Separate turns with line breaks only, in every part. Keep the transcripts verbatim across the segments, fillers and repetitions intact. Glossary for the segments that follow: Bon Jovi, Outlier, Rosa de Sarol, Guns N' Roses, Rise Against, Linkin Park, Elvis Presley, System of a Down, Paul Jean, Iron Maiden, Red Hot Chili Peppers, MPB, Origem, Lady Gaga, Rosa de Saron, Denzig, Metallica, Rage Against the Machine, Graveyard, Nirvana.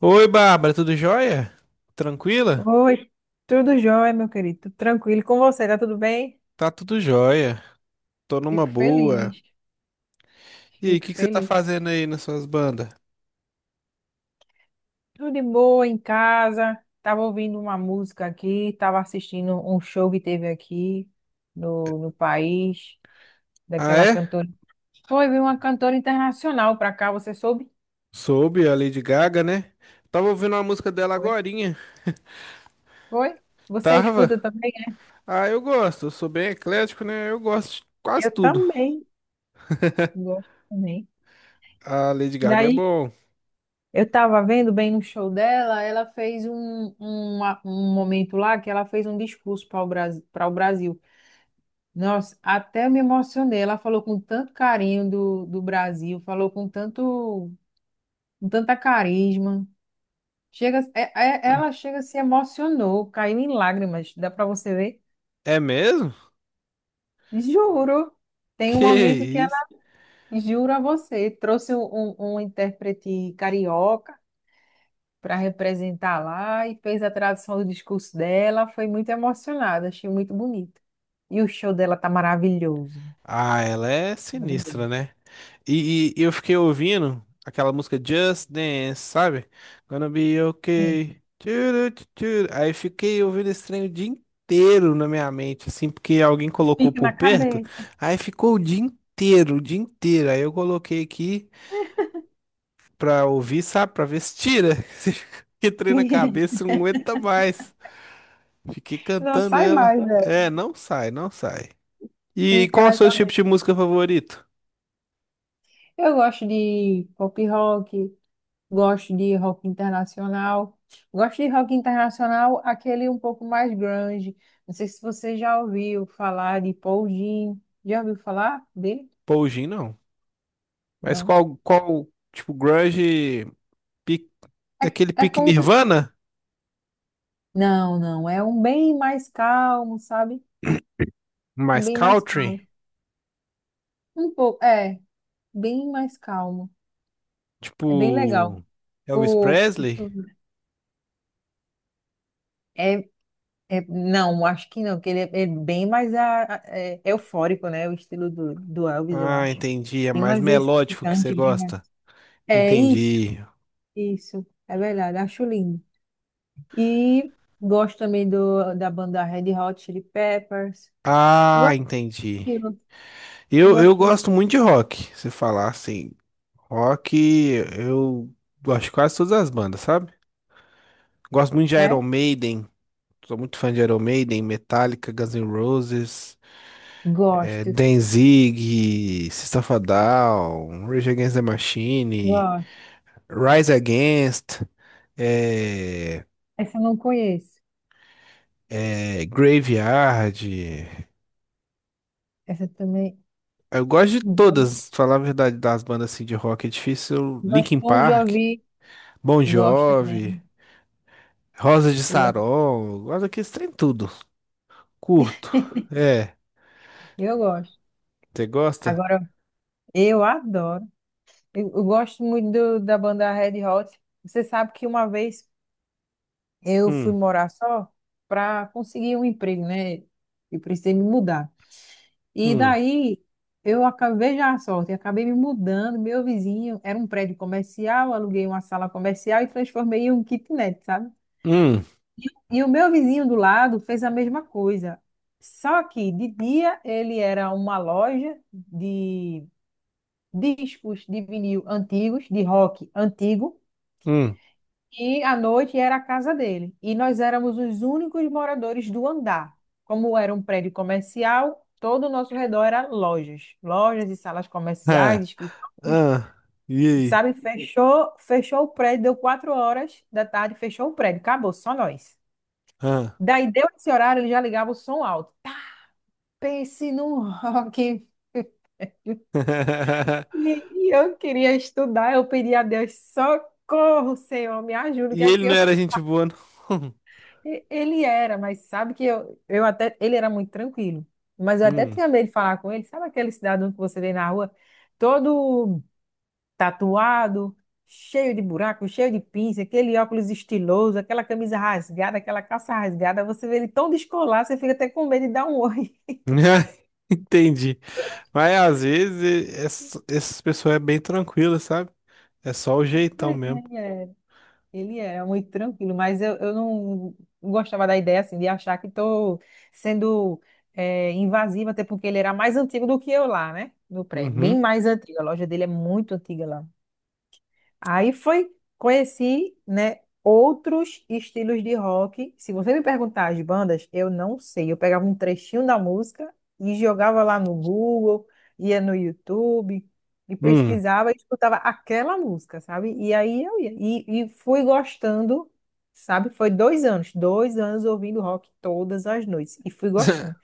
Oi, Bárbara, tudo jóia? Tranquila?
Oi, tudo jóia, meu querido? Tudo tranquilo com você, tá tudo bem?
Tá tudo jóia. Tô numa
Fico
boa.
feliz,
E aí, o
fico
que que você tá fazendo
feliz.
aí nas suas bandas?
Tudo de boa em casa. Tava ouvindo uma música aqui, tava assistindo um show que teve aqui no, no país,
Ah,
daquela
é?
cantora. Foi, veio uma cantora internacional pra cá, você soube?
Soube a Lady Gaga, né? Tava ouvindo uma música dela
Foi.
agorinha.
Foi? Você
Tava?
escuta também?
Ah, eu gosto. Eu sou bem eclético, né? Eu gosto de quase
Eu
tudo.
também. Gosto também.
A Lady Gaga é
Daí
bom.
eu tava vendo bem no show dela, ela fez um, um, um momento lá que ela fez um discurso para o Brasil, para o Brasil. Nossa, até me emocionei. Ela falou com tanto carinho do, do Brasil, falou com tanto, com tanta carisma. Chega, é- é- ela chega, se emocionou, caiu em lágrimas. Dá para você ver?
É mesmo?
Juro. Tem um
Que
momento que
isso?
ela jura a você, trouxe um, um, um intérprete carioca para representar lá e fez a tradução do discurso dela. Foi muito emocionada, achei muito bonito. E o show dela tá maravilhoso,
Ah, ela é sinistra,
maravilhoso.
né? E, e eu fiquei ouvindo aquela música Just Dance, sabe? Gonna be
É.
okay. Tchuru, tchuru. Aí fiquei ouvindo esse trem o dia inteiro na minha mente, assim, porque alguém colocou
Fica
por
na
perto.
cabeça.
Aí ficou o dia inteiro, o dia inteiro. Aí eu coloquei aqui pra ouvir, sabe? Pra ver se tira. Que trem na cabeça, não aguenta mais. Fiquei
Não
cantando
sai
ela.
mais, né?
É, não sai, não sai. E
Fica
qual é o
na
seu tipo
cabeça.
de música favorito?
Eu gosto de pop rock, gosto de rock internacional. Gosto de rock internacional, aquele um pouco mais grunge. Não sei se você já ouviu falar de Paul Jean. Já ouviu falar dele?
Poujin, não. Mas
Não.
qual, qual, tipo, grunge, pique-
É,
daquele
é
pique
como se
Nirvana?
Não, não, é um bem mais calmo, sabe? Um
Mais
bem mais calmo.
country?
Um pouco, é, bem mais calmo. É bem legal.
Tipo, Elvis
O,
Presley?
deixa eu ver. é, é, não, acho que não, porque ele é, é bem mais a, a- é, eufórico, né? O estilo do, do Elvis, eu
Ah,
acho.
entendi. É
Bem
mais
mais
melódico que você
excitante, bem mais.
gosta.
É isso,
Entendi.
isso, é verdade, acho lindo. E gosto também do, da banda Red Hot Chili Peppers.
Ah,
Gosto
entendi.
daquilo,
Eu, eu
gosto disso.
gosto muito de rock. Se falar assim, rock, eu gosto de quase todas as bandas, sabe? Gosto muito de Iron
Sério?
Maiden. Sou muito fã de Iron Maiden, Metallica, Guns N' Roses. É,
Gosto,
Denzig, System of a Down, Rage Against the Machine,
gosto.
Rise Against, é,
Essa eu não conheço.
é, Graveyard.
Essa também.
Eu gosto de
Hum.
todas, falar a verdade, das bandas assim, de rock é difícil. Linkin
Gostam de
Park,
ouvir.
Bon
Gosto
Jovi,
também.
Rosa de
Eu gosto.
Sarol, eu gosto daqueles trem tudo. Curto. É,
Eu gosto.
você gosta?
Agora, eu adoro. Eu, eu gosto muito do- da banda Red Hot. Você sabe que uma vez eu fui
Hum,
morar só para conseguir um emprego, né? E precisei me mudar. E
hum,
daí eu acabei já a sorte, acabei me mudando. Meu vizinho era um prédio comercial, aluguei uma sala comercial e transformei em um kitnet, sabe?
hum,
E o meu vizinho do lado fez a mesma coisa. Só que de dia ele era uma loja de discos de vinil antigos, de rock antigo,
hum.
e à noite era a casa dele. E nós éramos os únicos moradores do andar. Como era um prédio comercial, todo o nosso redor era lojas, lojas e salas
Ah,
comerciais, escritórios.
ah, e aí?
Sabe, fechou, fechou o prédio, deu quatro horas da tarde, fechou o prédio, acabou, só nós.
Ah.
Daí deu esse horário, ele já ligava o som alto. Pense num rock. E e eu queria estudar, eu pedi a Deus, socorro, Senhor, me ajuda, o
E
que é
ele
que
não
eu
era
faço?
gente boa, não.
E- Ele era, mas sabe que eu, eu até, ele era muito tranquilo, mas eu até
Hum.
tinha medo de falar com ele, sabe aquele cidadão que você vê na rua, todo tatuado, cheio de buraco, cheio de pinça, aquele óculos estiloso, aquela camisa rasgada, aquela calça rasgada, você vê ele tão descolado, você fica até com medo de dar um oi.
Entendi. Mas às vezes e- ess- essas pessoas é bem tranquila, sabe? É só o jeitão
Mas
mesmo.
ele é. Ele era muito tranquilo, mas eu, eu não gostava da ideia assim de achar que estou sendo eh, invasiva, até porque ele era mais antigo do que eu lá, né? No prédio, bem
Uhum.
mais antigo. A loja dele é muito antiga lá. Aí foi, conheci, né, outros estilos de rock. Se você me perguntar as bandas, eu não sei. Eu pegava um trechinho da música e jogava lá no Google, ia no YouTube e
Hum.
pesquisava e escutava aquela música, sabe? E aí eu ia. E, e fui gostando, sabe? Foi dois anos, dois anos ouvindo rock todas as noites. E fui gostando.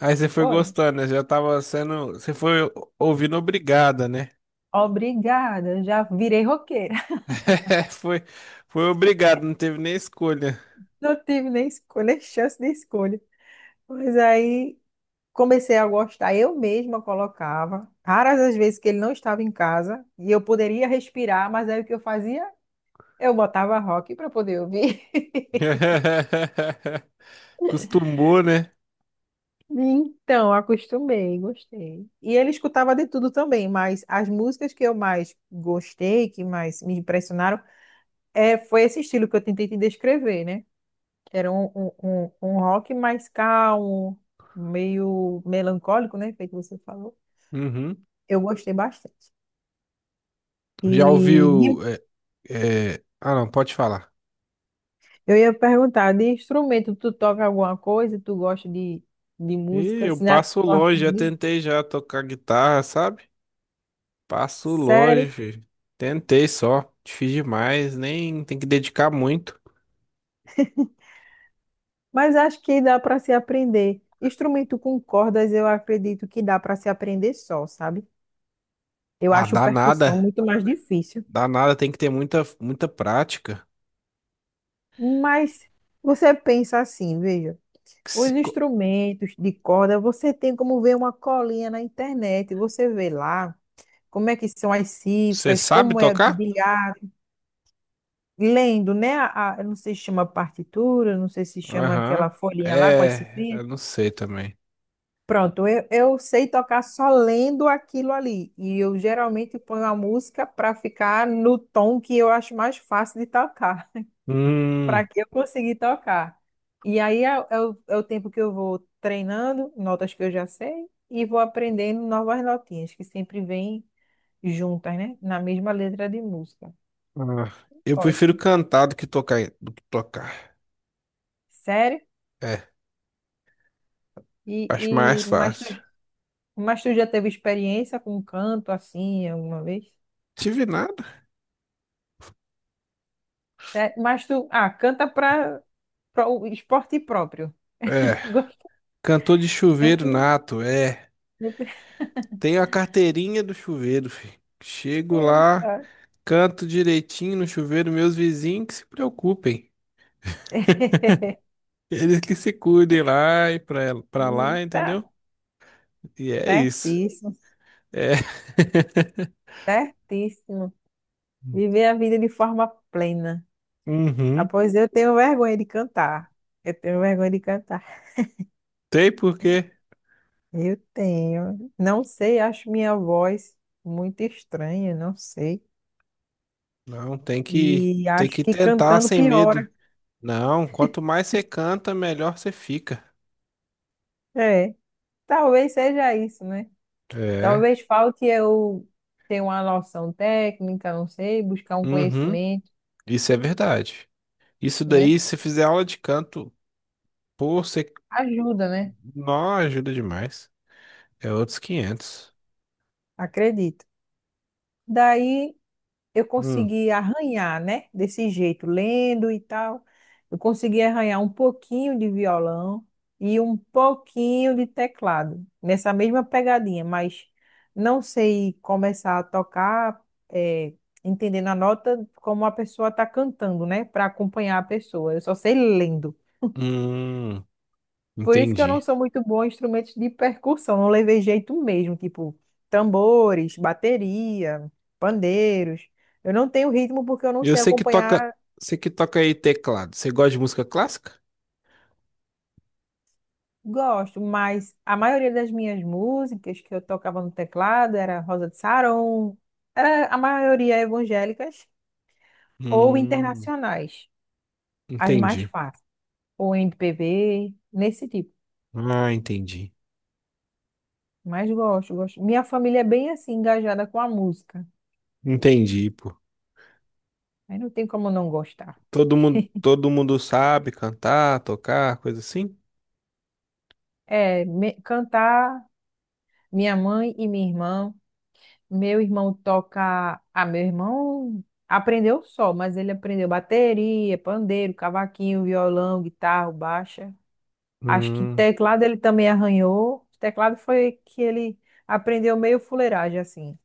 Aí você foi
Foi.
gostando, né? Já tava sendo. Você foi o- ouvindo obrigada, né?
Obrigada, já virei roqueira.
Foi, foi obrigado, não teve nem escolha.
Não tive nem escolha, chance de escolha. Mas aí comecei a gostar, eu mesma colocava, raras as vezes que ele não estava em casa e eu poderia respirar, mas aí o que eu fazia? Eu botava rock para poder ouvir.
Costumou, né?
Então, acostumei, gostei. E ele escutava de tudo também, mas as músicas que eu mais gostei, que mais me impressionaram, é, foi esse estilo que eu tentei te descrever, né? Era um, um, um- um rock mais calmo, meio melancólico, né? Feito que você falou.
Uhum.
Eu gostei bastante. E
Já
de
ouviu. é, é, Ah, não, pode falar.
Eu ia perguntar, de instrumento, tu toca alguma coisa? Tu gosta de, de
E
música,
eu
assim, na
passo
tua
longe, já
família?
tentei já tocar guitarra, sabe? Passo
Sério?
longe, filho. Tentei só, difícil demais, nem tem que dedicar muito.
Mas acho que dá para se aprender. Instrumento com cordas, eu acredito que dá para se aprender só, sabe? Eu
Ah,
acho
dá
percussão
nada,
muito mais difícil.
dá nada, tem que ter muita, muita prática.
Mas você pensa assim, veja, os instrumentos de corda, você tem como ver uma colinha na internet, você vê lá como é que são as
Você
cifras,
sabe
como é o
tocar?
dedilhado, lendo, né? A, a- eu não sei se chama partitura, não sei se chama aquela
Aham.
folhinha lá com as
É,
cifrinhas.
eu não sei também.
Pronto, eu, eu sei tocar só lendo aquilo ali. E eu geralmente ponho a música para ficar no tom que eu acho mais fácil de tocar, para
Hum,
que eu consiga tocar. E aí é, é o, é o tempo que eu vou treinando, notas que eu já sei, e vou aprendendo novas notinhas, que sempre vêm juntas, né? Na mesma letra de música.
ah, eu prefiro
Gosto.
cantar do que tocar, do que tocar.
Sério?
É,
E,
acho mais
e, mas tu
fácil.
Mas tu já teve experiência com canto assim alguma vez?
Tive nada.
Sé- Mas tu, ah, canta para o esporte próprio.
É,
Gosto.
cantor de chuveiro nato, é. Tenho a carteirinha do chuveiro, filho. Chego lá,
Eita,
canto direitinho no chuveiro, meus vizinhos que se preocupem. Eles que se cuidem lá e pra, pra lá,
eita.
entendeu? E é isso.
Certíssimo,
É.
certíssimo. Viver a vida de forma plena. Ah,
Uhum.
pois eu tenho vergonha de cantar. Eu tenho vergonha de cantar.
Tem por quê?
Eu tenho. Não sei, acho minha voz muito estranha, não sei.
Não, tem que,
E
tem
acho
que
que
tentar
cantando
sem medo.
piora.
Não, quanto mais você canta, melhor você fica.
É, talvez seja isso, né?
É.
Talvez falte eu ter uma noção técnica, não sei, buscar um
Uhum.
conhecimento,
Isso é verdade. Isso
né?
daí, se fizer aula de canto, pô, você.
Ajuda, né?
Não, ajuda demais. É outros quinhentos.
Acredito. Daí eu
Hum,
consegui arranhar, né? Desse jeito, lendo e tal. Eu consegui arranhar um pouquinho de violão e um pouquinho de teclado, nessa mesma pegadinha, mas não sei começar a tocar, eh, entendendo a nota como a pessoa está cantando, né? Para acompanhar a pessoa. Eu só sei lendo.
hum,
Por isso que eu não
entendi.
sou muito boa em instrumentos de percussão, não levei jeito mesmo, tipo tambores, bateria, pandeiros. Eu não tenho ritmo porque eu não
Eu
sei
sei que toca,
acompanhar,
sei que toca aí teclado. Você gosta de música clássica?
gosto, mas a maioria das minhas músicas que eu tocava no teclado era Rosa de Saron, era a maioria evangélicas ou
Hum,
internacionais, as mais
entendi.
fáceis, ou M P B, nesse tipo.
Ah, entendi.
Mas gosto, gosto. Minha família é bem assim engajada com a música.
Entendi, pô.
Aí não tem como não gostar.
Todo mundo, todo mundo sabe cantar, tocar, coisa assim?
É, me- cantar minha mãe e minha irmã. Meu irmão toca. Ah, meu irmão aprendeu só, mas ele aprendeu bateria, pandeiro, cavaquinho, violão, guitarra, baixa. Acho que
Hum,
teclado ele também arranhou. Teclado foi que ele aprendeu meio fuleiragem, assim.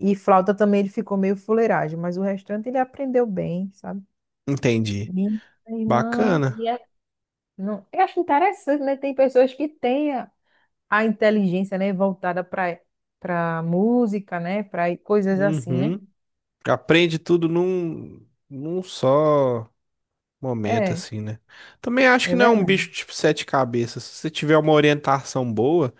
E flauta também ele ficou meio fuleiragem, mas o restante ele aprendeu bem, sabe?
entendi.
Minha irmã. e
Bacana.
é- Não, eu acho interessante, né? Tem pessoas que têm. a- a inteligência, né, voltada para para música, né, para coisas assim, né?
Uhum. Aprende tudo num, num só momento,
É,
assim, né? Também acho que
é
não é um bicho
verdade.
tipo sete cabeças. Se você tiver uma orientação boa,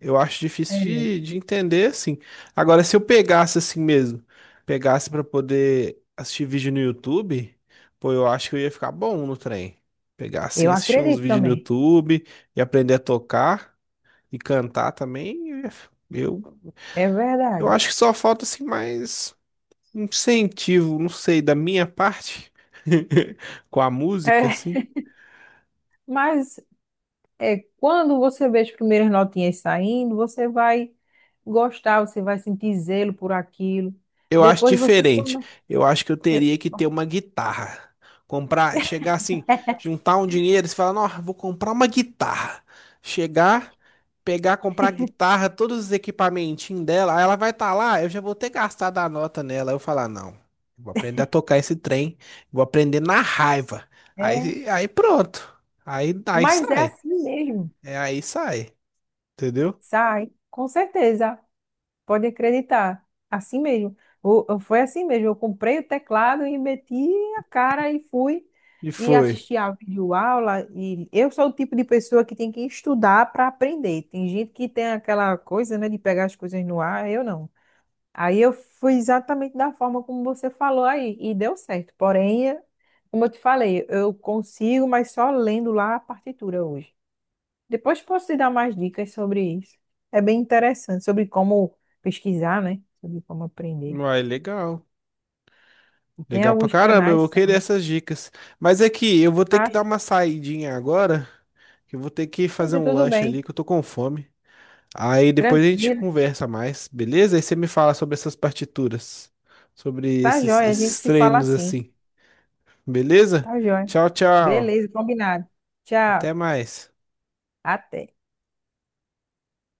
eu acho difícil
É,
de, de entender, assim. Agora, se eu pegasse assim mesmo, pegasse pra poder assistir vídeo no YouTube, pô, eu acho que eu ia ficar bom no trem. Pegar assim,
eu
assistir uns
acredito
vídeos no
também.
YouTube e aprender a tocar e cantar também, eu, ia f- eu
É
eu
verdade.
acho que só falta assim mais um incentivo, não sei, da minha parte com a música,
É,
assim.
mas é, quando você vê as primeiras notinhas saindo, você vai gostar, você vai sentir zelo por aquilo.
Eu acho
Depois você
diferente.
começa.
Eu acho que eu teria que ter uma guitarra. Comprar, chegar assim, juntar um dinheiro, e falar, não, vou comprar uma guitarra. Chegar, pegar, comprar a guitarra, todos os equipamentinhos dela, aí ela vai estar lá, eu já vou ter gastado a nota nela. Aí eu falar, não, eu vou aprender a tocar esse trem, vou aprender na raiva.
É,
Aí, aí pronto. Aí, aí
mas é
sai.
assim mesmo.
É aí sai. Entendeu?
Sai, com certeza. Pode acreditar. Assim mesmo. O- o- foi assim mesmo. Eu comprei o teclado e meti a cara e fui
E
e
foi.
assisti a videoaula. E eu sou o tipo de pessoa que tem que estudar para aprender. Tem gente que tem aquela coisa, né, de pegar as coisas no ar. Eu não. Aí eu fui exatamente da forma como você falou aí e deu certo. Porém, é, como eu te falei, eu consigo, mas só lendo lá a partitura hoje. Depois posso te dar mais dicas sobre isso. É bem interessante, sobre como pesquisar, né? Sobre como aprender.
Uai, legal.
E tem
Legal pra
alguns
caramba, eu vou
canais
querer
também.
essas dicas. Mas é que eu vou ter que
Ah,
dar uma saidinha agora, que eu vou ter que fazer
eita,
um
tudo
lanche ali,
bem.
que eu tô com fome. Aí depois a gente
Tranquilo.
conversa mais, beleza? Aí você me fala sobre essas partituras, sobre
Tá
esses,
jóia, a gente
esses
se fala
treinos
assim.
assim, beleza?
Tá jóia.
Tchau, tchau.
Beleza, combinado. Tchau.
Até mais.
Até.